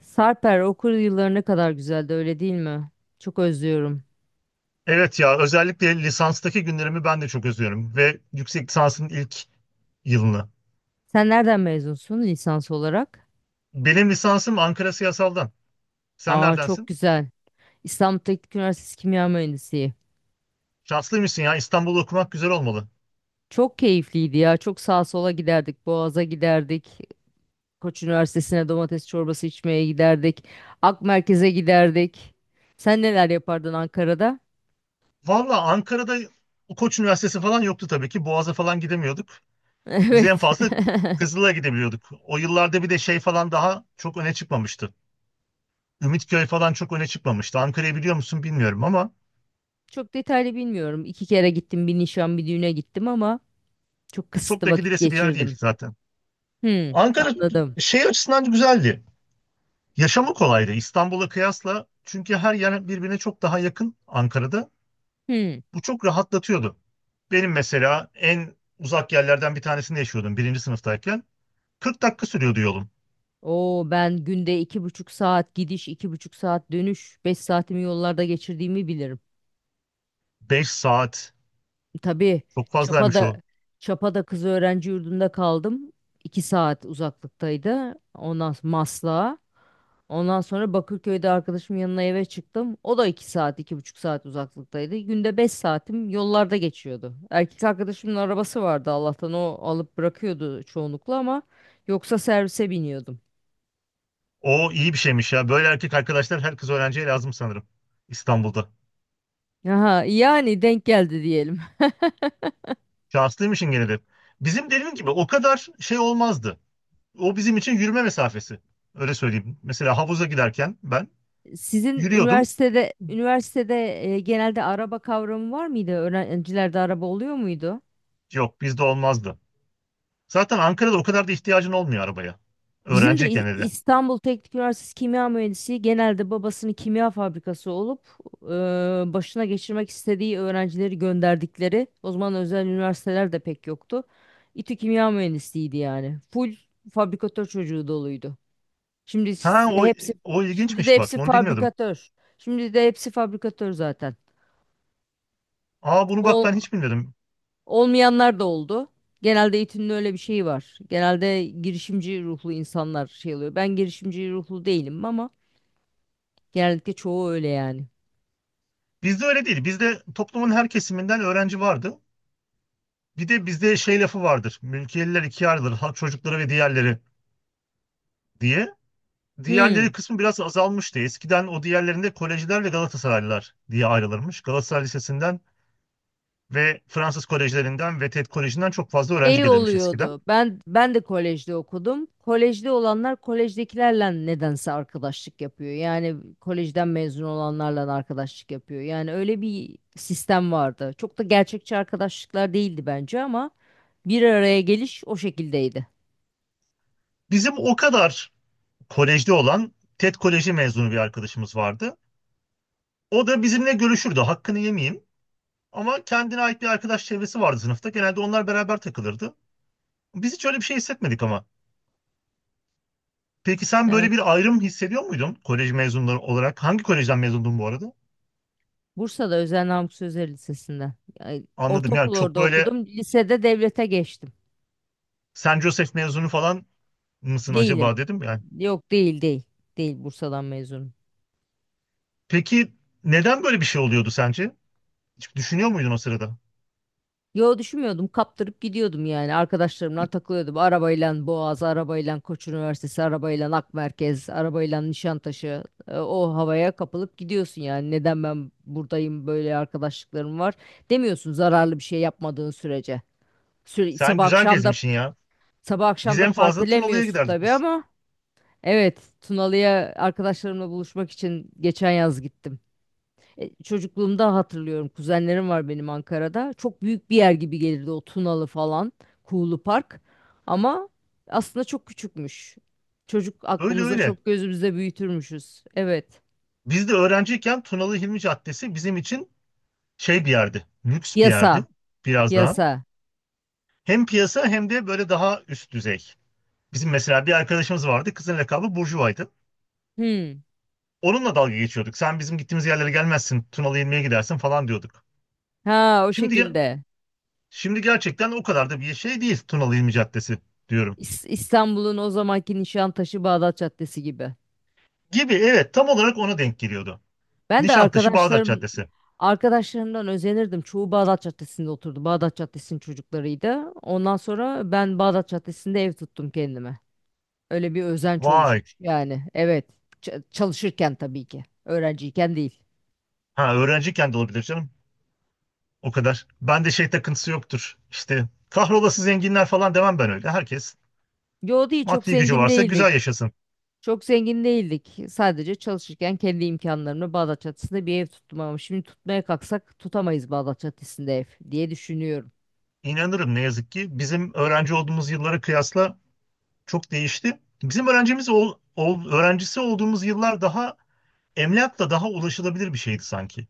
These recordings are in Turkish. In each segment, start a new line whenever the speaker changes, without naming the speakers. Sarper, okul yılları ne kadar güzeldi öyle değil mi? Çok özlüyorum.
Evet ya özellikle lisanstaki günlerimi ben de çok özlüyorum ve yüksek lisansın ilk yılını.
Sen nereden mezunsun lisans olarak?
Benim lisansım Ankara Siyasal'dan. Sen
Aa, çok
neredensin?
güzel. İstanbul Teknik Üniversitesi Kimya Mühendisliği.
Şanslıymışsın ya, İstanbul'da okumak güzel olmalı.
Çok keyifliydi ya. Çok sağa sola giderdik. Boğaz'a giderdik. Koç Üniversitesi'ne domates çorbası içmeye giderdik. Ak Merkez'e giderdik. Sen neler yapardın Ankara'da?
Valla Ankara'da Koç Üniversitesi falan yoktu tabii ki. Boğaz'a falan gidemiyorduk. Biz en
Evet.
fazla Kızıl'a gidebiliyorduk. O yıllarda bir de şey falan daha çok öne çıkmamıştı. Ümitköy falan çok öne çıkmamıştı. Ankara'yı biliyor musun bilmiyorum ama
Çok detaylı bilmiyorum. İki kere gittim. Bir nişan, bir düğüne gittim ama çok
çok
kısıtlı
da
vakit
gidilesi bir yer değil
geçirdim.
zaten.
Hmm,
Ankara
anladım.
şey açısından güzeldi. Yaşamı kolaydı İstanbul'a kıyasla, çünkü her yer birbirine çok daha yakın Ankara'da.
Hmm.
Bu çok rahatlatıyordu. Benim mesela en uzak yerlerden bir tanesinde yaşıyordum birinci sınıftayken. 40 dakika sürüyordu yolum.
O ben günde iki buçuk saat gidiş, iki buçuk saat dönüş, beş saatimi yollarda geçirdiğimi bilirim.
5 saat
Tabii,
çok fazlaymış o.
Çapa'da Çapa'da kız öğrenci yurdunda kaldım. İki saat uzaklıktaydı. Ondan sonra Maslak'a. Ondan sonra Bakırköy'de arkadaşımın yanına eve çıktım. O da iki saat, iki buçuk saat uzaklıktaydı. Günde beş saatim yollarda geçiyordu. Erkek arkadaşımın arabası vardı Allah'tan, o alıp bırakıyordu çoğunlukla ama yoksa servise biniyordum.
O iyi bir şeymiş ya. Böyle erkek arkadaşlar her kız öğrenciye lazım sanırım İstanbul'da.
Aha, yani denk geldi diyelim.
Şanslıymışın gene de. Bizim dediğim gibi o kadar şey olmazdı. O bizim için yürüme mesafesi. Öyle söyleyeyim. Mesela havuza giderken ben
Sizin
yürüyordum.
üniversitede genelde araba kavramı var mıydı? Öğrencilerde araba oluyor muydu?
Yok, bizde olmazdı. Zaten Ankara'da o kadar da ihtiyacın olmuyor arabaya.
Bizim de
Öğrenciyken hele.
İstanbul Teknik Üniversitesi Kimya Mühendisi genelde babasının kimya fabrikası olup başına geçirmek istediği öğrencileri gönderdikleri, o zaman özel üniversiteler de pek yoktu. İTÜ Kimya Mühendisliğiydi yani. Full fabrikatör çocuğu doluydu. Şimdi
Ha
s-
o,
hepsi
o
şimdi de
ilginçmiş bak.
hepsi
Onu bilmiyordum.
fabrikatör. Şimdi de hepsi fabrikatör zaten.
Aa, bunu bak
Ol-
ben hiç bilmiyordum.
olmayanlar da oldu. Genelde eğitimde öyle bir şey var. Genelde girişimci ruhlu insanlar şey oluyor. Ben girişimci ruhlu değilim ama genellikle çoğu öyle yani.
Bizde öyle değil. Bizde toplumun her kesiminden öğrenci vardı. Bir de bizde şey lafı vardır. Mülkiyeliler ikiye ayrılır. Halk çocukları ve diğerleri diye. Diğerleri
Hmm.
kısmı biraz azalmıştı. Eskiden o diğerlerinde kolejciler ve Galatasaraylılar diye ayrılırmış. Galatasaray Lisesi'nden ve Fransız kolejlerinden ve TED Koleji'nden çok fazla öğrenci
Şey
gelirmiş eskiden.
oluyordu. Ben de kolejde okudum. Kolejde olanlar kolejdekilerle nedense arkadaşlık yapıyor. Yani kolejden mezun olanlarla arkadaşlık yapıyor. Yani öyle bir sistem vardı. Çok da gerçekçi arkadaşlıklar değildi bence ama bir araya geliş o şekildeydi.
Bizim o kadar kolejde olan TED Koleji mezunu bir arkadaşımız vardı. O da bizimle görüşürdü. Hakkını yemeyeyim. Ama kendine ait bir arkadaş çevresi vardı sınıfta. Genelde onlar beraber takılırdı. Biz hiç öyle bir şey hissetmedik ama. Peki sen böyle
Evet.
bir ayrım hissediyor muydun kolej mezunları olarak? Hangi kolejden mezundun bu arada?
Bursa'da Özel Namık Sözer Lisesi'nde. Yani
Anladım, yani
ortaokul
çok
orada
böyle
okudum. Lisede devlete geçtim.
Saint Joseph mezunu falan mısın acaba
Değilim.
dedim yani.
Yok, değil değil. Değil, Bursa'dan mezunum.
Peki neden böyle bir şey oluyordu sence? Hiç düşünüyor muydun o sırada?
Yo, düşünmüyordum. Kaptırıp gidiyordum yani. Arkadaşlarımla takılıyordum. Arabayla Boğaz, arabayla Koç Üniversitesi, arabayla Ak Merkez, arabayla Nişantaşı. O havaya kapılıp gidiyorsun yani. Neden ben buradayım böyle arkadaşlıklarım var demiyorsun zararlı bir şey yapmadığın sürece. Süre,
Sen
sabah
güzel
akşam da
gezmişsin ya.
sabah
Biz
akşam da
en fazla Tunalı'ya
partilemiyorsun
giderdik
tabii
biz.
ama evet, Tunalı'ya arkadaşlarımla buluşmak için geçen yaz gittim. Çocukluğumda hatırlıyorum. Kuzenlerim var benim Ankara'da. Çok büyük bir yer gibi gelirdi o Tunalı falan, Kuğulu Park. Ama aslında çok küçükmüş. Çocuk
Öyle
aklımızda
öyle.
çok gözümüzde büyütürmüşüz. Evet.
Biz de öğrenciyken Tunalı Hilmi Caddesi bizim için şey bir yerdi. Lüks bir
Piyasa,
yerdi. Biraz daha.
piyasa.
Hem piyasa hem de böyle daha üst düzey. Bizim mesela bir arkadaşımız vardı. Kızın lakabı Burjuva'ydı.
Hmm.
Onunla dalga geçiyorduk. Sen bizim gittiğimiz yerlere gelmezsin. Tunalı Hilmi'ye gidersin falan diyorduk.
Ha, o
Şimdi ya-
şekilde.
Şimdi gerçekten o kadar da bir şey değil Tunalı İlmi Caddesi diyorum.
İstanbul'un o zamanki Nişantaşı Bağdat Caddesi gibi.
Gibi, evet, tam olarak ona denk geliyordu.
Ben de
Nişantaşı Bağdat Caddesi.
arkadaşlarımdan özenirdim. Çoğu Bağdat Caddesi'nde oturdu. Bağdat Caddesi'nin çocuklarıydı. Ondan sonra ben Bağdat Caddesi'nde ev tuttum kendime. Öyle bir özenç
Vay.
oluşmuş yani. Evet. Çalışırken tabii ki. Öğrenciyken değil.
Ha, öğrenciyken de olabilir canım. O kadar. Ben de şey takıntısı yoktur. İşte kahrolası zenginler falan demem ben öyle. Herkes
Yo, değil, çok
maddi gücü
zengin
varsa
değildik.
güzel yaşasın.
Çok zengin değildik. Sadece çalışırken kendi imkanlarımla Bağdat Caddesi'nde bir ev tuttum ama şimdi tutmaya kalksak tutamayız Bağdat Caddesi'nde ev diye düşünüyorum.
İnanırım, ne yazık ki bizim öğrenci olduğumuz yıllara kıyasla çok değişti. Bizim öğrencimiz ol, ol- öğrencisi olduğumuz yıllar daha emlakla daha ulaşılabilir bir şeydi sanki.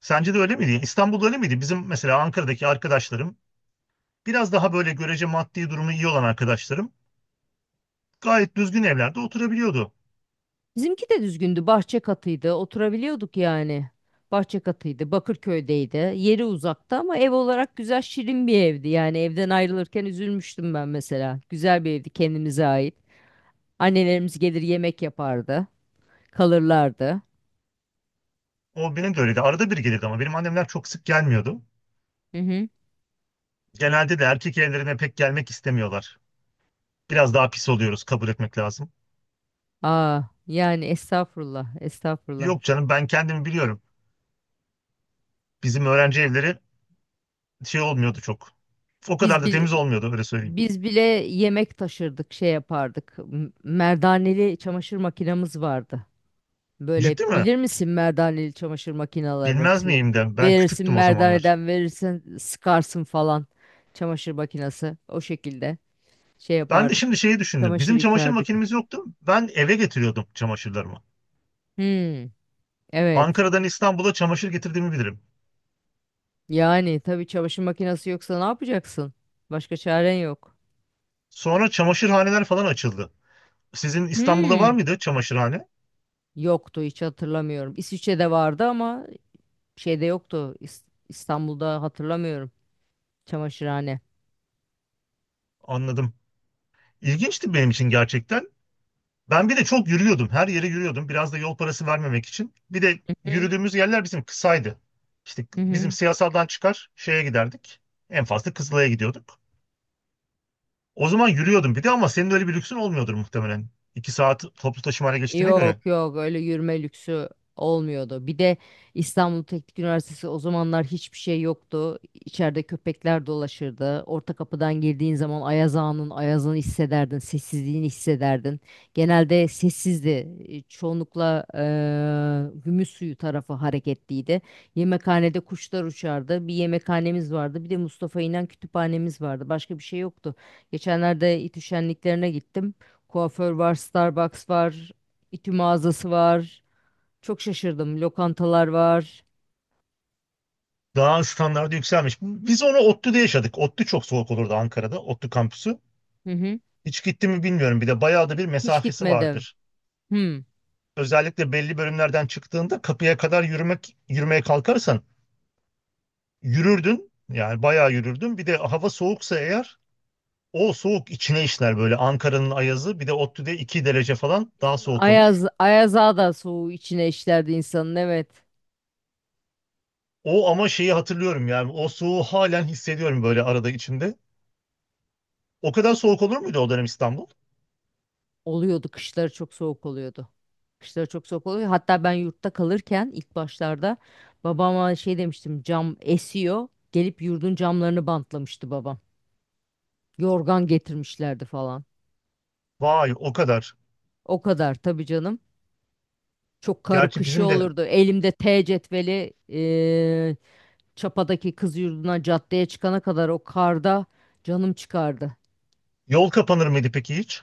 Sence de öyle miydi? Yani İstanbul'da öyle miydi? Bizim mesela Ankara'daki arkadaşlarım, biraz daha böyle görece maddi durumu iyi olan arkadaşlarım, gayet düzgün evlerde oturabiliyordu.
Bizimki de düzgündü. Bahçe katıydı. Oturabiliyorduk yani. Bahçe katıydı. Bakırköy'deydi. Yeri uzakta ama ev olarak güzel şirin bir evdi. Yani evden ayrılırken üzülmüştüm ben mesela. Güzel bir evdi, kendimize ait. Annelerimiz gelir yemek yapardı. Kalırlardı.
O benim de öyleydi. Arada bir gelirdi ama benim annemler çok sık gelmiyordu.
Hı hı.
Genelde de erkek evlerine pek gelmek istemiyorlar. Biraz daha pis oluyoruz, kabul etmek lazım.
Aa, yani estağfurullah, estağfurullah.
Yok canım, ben kendimi biliyorum. Bizim öğrenci evleri şey olmuyordu çok. O kadar
Biz
da
bir
temiz olmuyordu, öyle söyleyeyim.
biz bile yemek taşırdık, şey yapardık. Merdaneli çamaşır makinamız vardı. Böyle
Ciddi mi?
bilir misin merdaneli çamaşır makinelerini?
Bilmez miyim, de ben
Verirsin,
küçüktüm o zamanlar.
merdaneden verirsin, sıkarsın falan. Çamaşır makinesi o şekilde şey
Ben de şimdi
yapardık.
şeyi düşündüm.
Çamaşır
Bizim çamaşır
yıkardık.
makinemiz yoktu. Ben eve getiriyordum çamaşırlarımı.
Hmm, evet.
Ankara'dan İstanbul'a çamaşır getirdiğimi bilirim.
Yani tabii çamaşır makinesi yoksa ne yapacaksın? Başka çaren yok.
Sonra çamaşırhaneler falan açıldı. Sizin İstanbul'da var
Hmm,
mıydı çamaşırhane?
yoktu, hiç hatırlamıyorum. İsviçre'de vardı ama şeyde yoktu. İstanbul'da hatırlamıyorum çamaşırhane.
Anladım. İlginçti benim için gerçekten. Ben bir de çok yürüyordum. Her yere yürüyordum. Biraz da yol parası vermemek için. Bir de
Hı
yürüdüğümüz yerler bizim kısaydı. İşte
hı.
bizim
Hı.
siyasaldan çıkar şeye giderdik. En fazla Kızılay'a gidiyorduk. O zaman yürüyordum bir de, ama senin öyle bir lüksün olmuyordur muhtemelen. 2 saat toplu taşımaya geçtiğine göre.
Yok yok, öyle yürüme lüksü olmuyordu. Bir de İstanbul Teknik Üniversitesi o zamanlar hiçbir şey yoktu. İçeride köpekler dolaşırdı. Orta kapıdan girdiğin zaman Ayaz Ağa'nın ayazını hissederdin, sessizliğini hissederdin. Genelde sessizdi. Çoğunlukla Gümüş Suyu tarafı hareketliydi. Yemekhanede kuşlar uçardı. Bir yemekhanemiz vardı. Bir de Mustafa İnan kütüphanemiz vardı. Başka bir şey yoktu. Geçenlerde İTÜ şenliklerine gittim. Kuaför var, Starbucks var. İTÜ mağazası var. Çok şaşırdım. Lokantalar var.
Daha standardı yükselmiş. Biz onu ODTÜ'de yaşadık. ODTÜ çok soğuk olurdu Ankara'da. ODTÜ kampüsü.
Hı hı.
Hiç gitti mi bilmiyorum. Bir de bayağı da bir
Hiç
mesafesi
gitmedim.
vardır.
Hmm.
Özellikle belli bölümlerden çıktığında kapıya kadar yürümek, yürümeye kalkarsan yürürdün. Yani bayağı yürürdün. Bir de hava soğuksa eğer, o soğuk içine işler böyle, Ankara'nın ayazı. Bir de ODTÜ'de 2 derece falan daha
Bizim
soğuk olur.
Ayaz Ağa da soğuğu içine işlerdi insanın. Evet.
O ama, şeyi hatırlıyorum yani, o soğuğu halen hissediyorum böyle arada içimde. O kadar soğuk olur muydu o dönem İstanbul?
Oluyordu. Kışları çok soğuk oluyordu. Kışları çok soğuk oluyor. Hatta ben yurtta kalırken ilk başlarda babama şey demiştim. Cam esiyor. Gelip yurdun camlarını bantlamıştı babam. Yorgan getirmişlerdi falan.
Vay, o kadar.
O kadar tabii canım. Çok karı
Gerçi
kışı
bizim de.
olurdu. Elimde T cetveli, Çapa'daki kız yurduna caddeye çıkana kadar o karda canım çıkardı.
Yol kapanır mıydı peki hiç?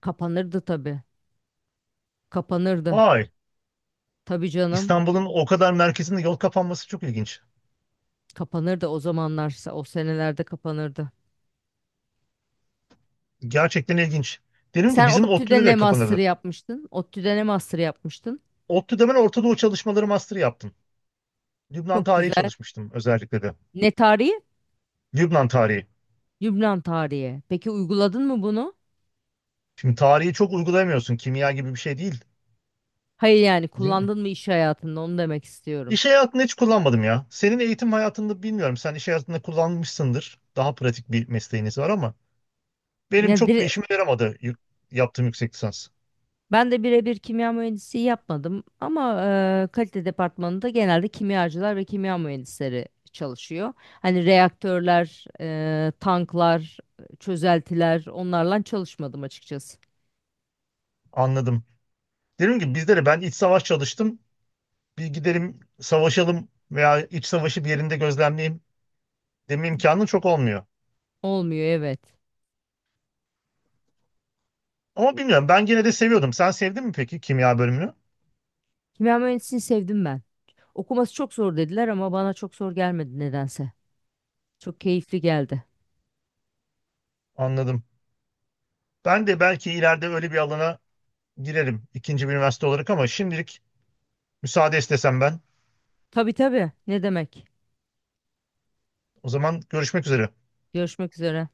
Kapanırdı tabii. Kapanırdı.
Ay,
Tabii canım.
İstanbul'un o kadar merkezinde yol kapanması çok ilginç.
Kapanırdı o zamanlarsa. O senelerde kapanırdı.
Gerçekten ilginç. Dedim ki
Sen
bizim
ODTÜ'de
ODTÜ'de
ne
de
master
kapanırdı.
yapmıştın? ODTÜ'de ne master yapmıştın?
ODTÜ'de ben Orta Doğu çalışmaları master yaptım. Lübnan
Çok
tarihi
güzel.
çalışmıştım özellikle de.
Ne tarihi?
Lübnan tarihi.
Lübnan tarihi. Peki, uyguladın mı bunu?
Şimdi tarihi çok uygulayamıyorsun. Kimya gibi bir şey değil.
Hayır, yani
Bizim-
kullandın mı iş hayatında onu demek istiyorum.
İş hayatında hiç kullanmadım ya. Senin eğitim hayatında bilmiyorum. Sen iş hayatında kullanmışsındır. Daha pratik bir mesleğiniz var ama benim
Ya
çok bir
dire-
işime yaramadı yaptığım yüksek lisans.
Ben de birebir kimya mühendisliği yapmadım ama kalite departmanında genelde kimyacılar ve kimya mühendisleri çalışıyor. Hani reaktörler, tanklar, çözeltiler, onlarla çalışmadım açıkçası.
Anladım. Dedim ki bizde de ben iç savaş çalıştım. Bir gidelim savaşalım veya iç savaşı bir yerinde gözlemleyeyim deme imkanın çok olmuyor.
Olmuyor, evet.
Ama bilmiyorum, ben gene de seviyordum. Sen sevdin mi peki kimya bölümünü?
Kimya mühendisliğini sevdim ben. Okuması çok zor dediler ama bana çok zor gelmedi nedense. Çok keyifli geldi.
Anladım. Ben de belki ileride öyle bir alana girerim, ikinci bir üniversite olarak, ama şimdilik müsaade istesem ben.
Tabii tabii, ne demek.
O zaman görüşmek üzere.
Görüşmek üzere.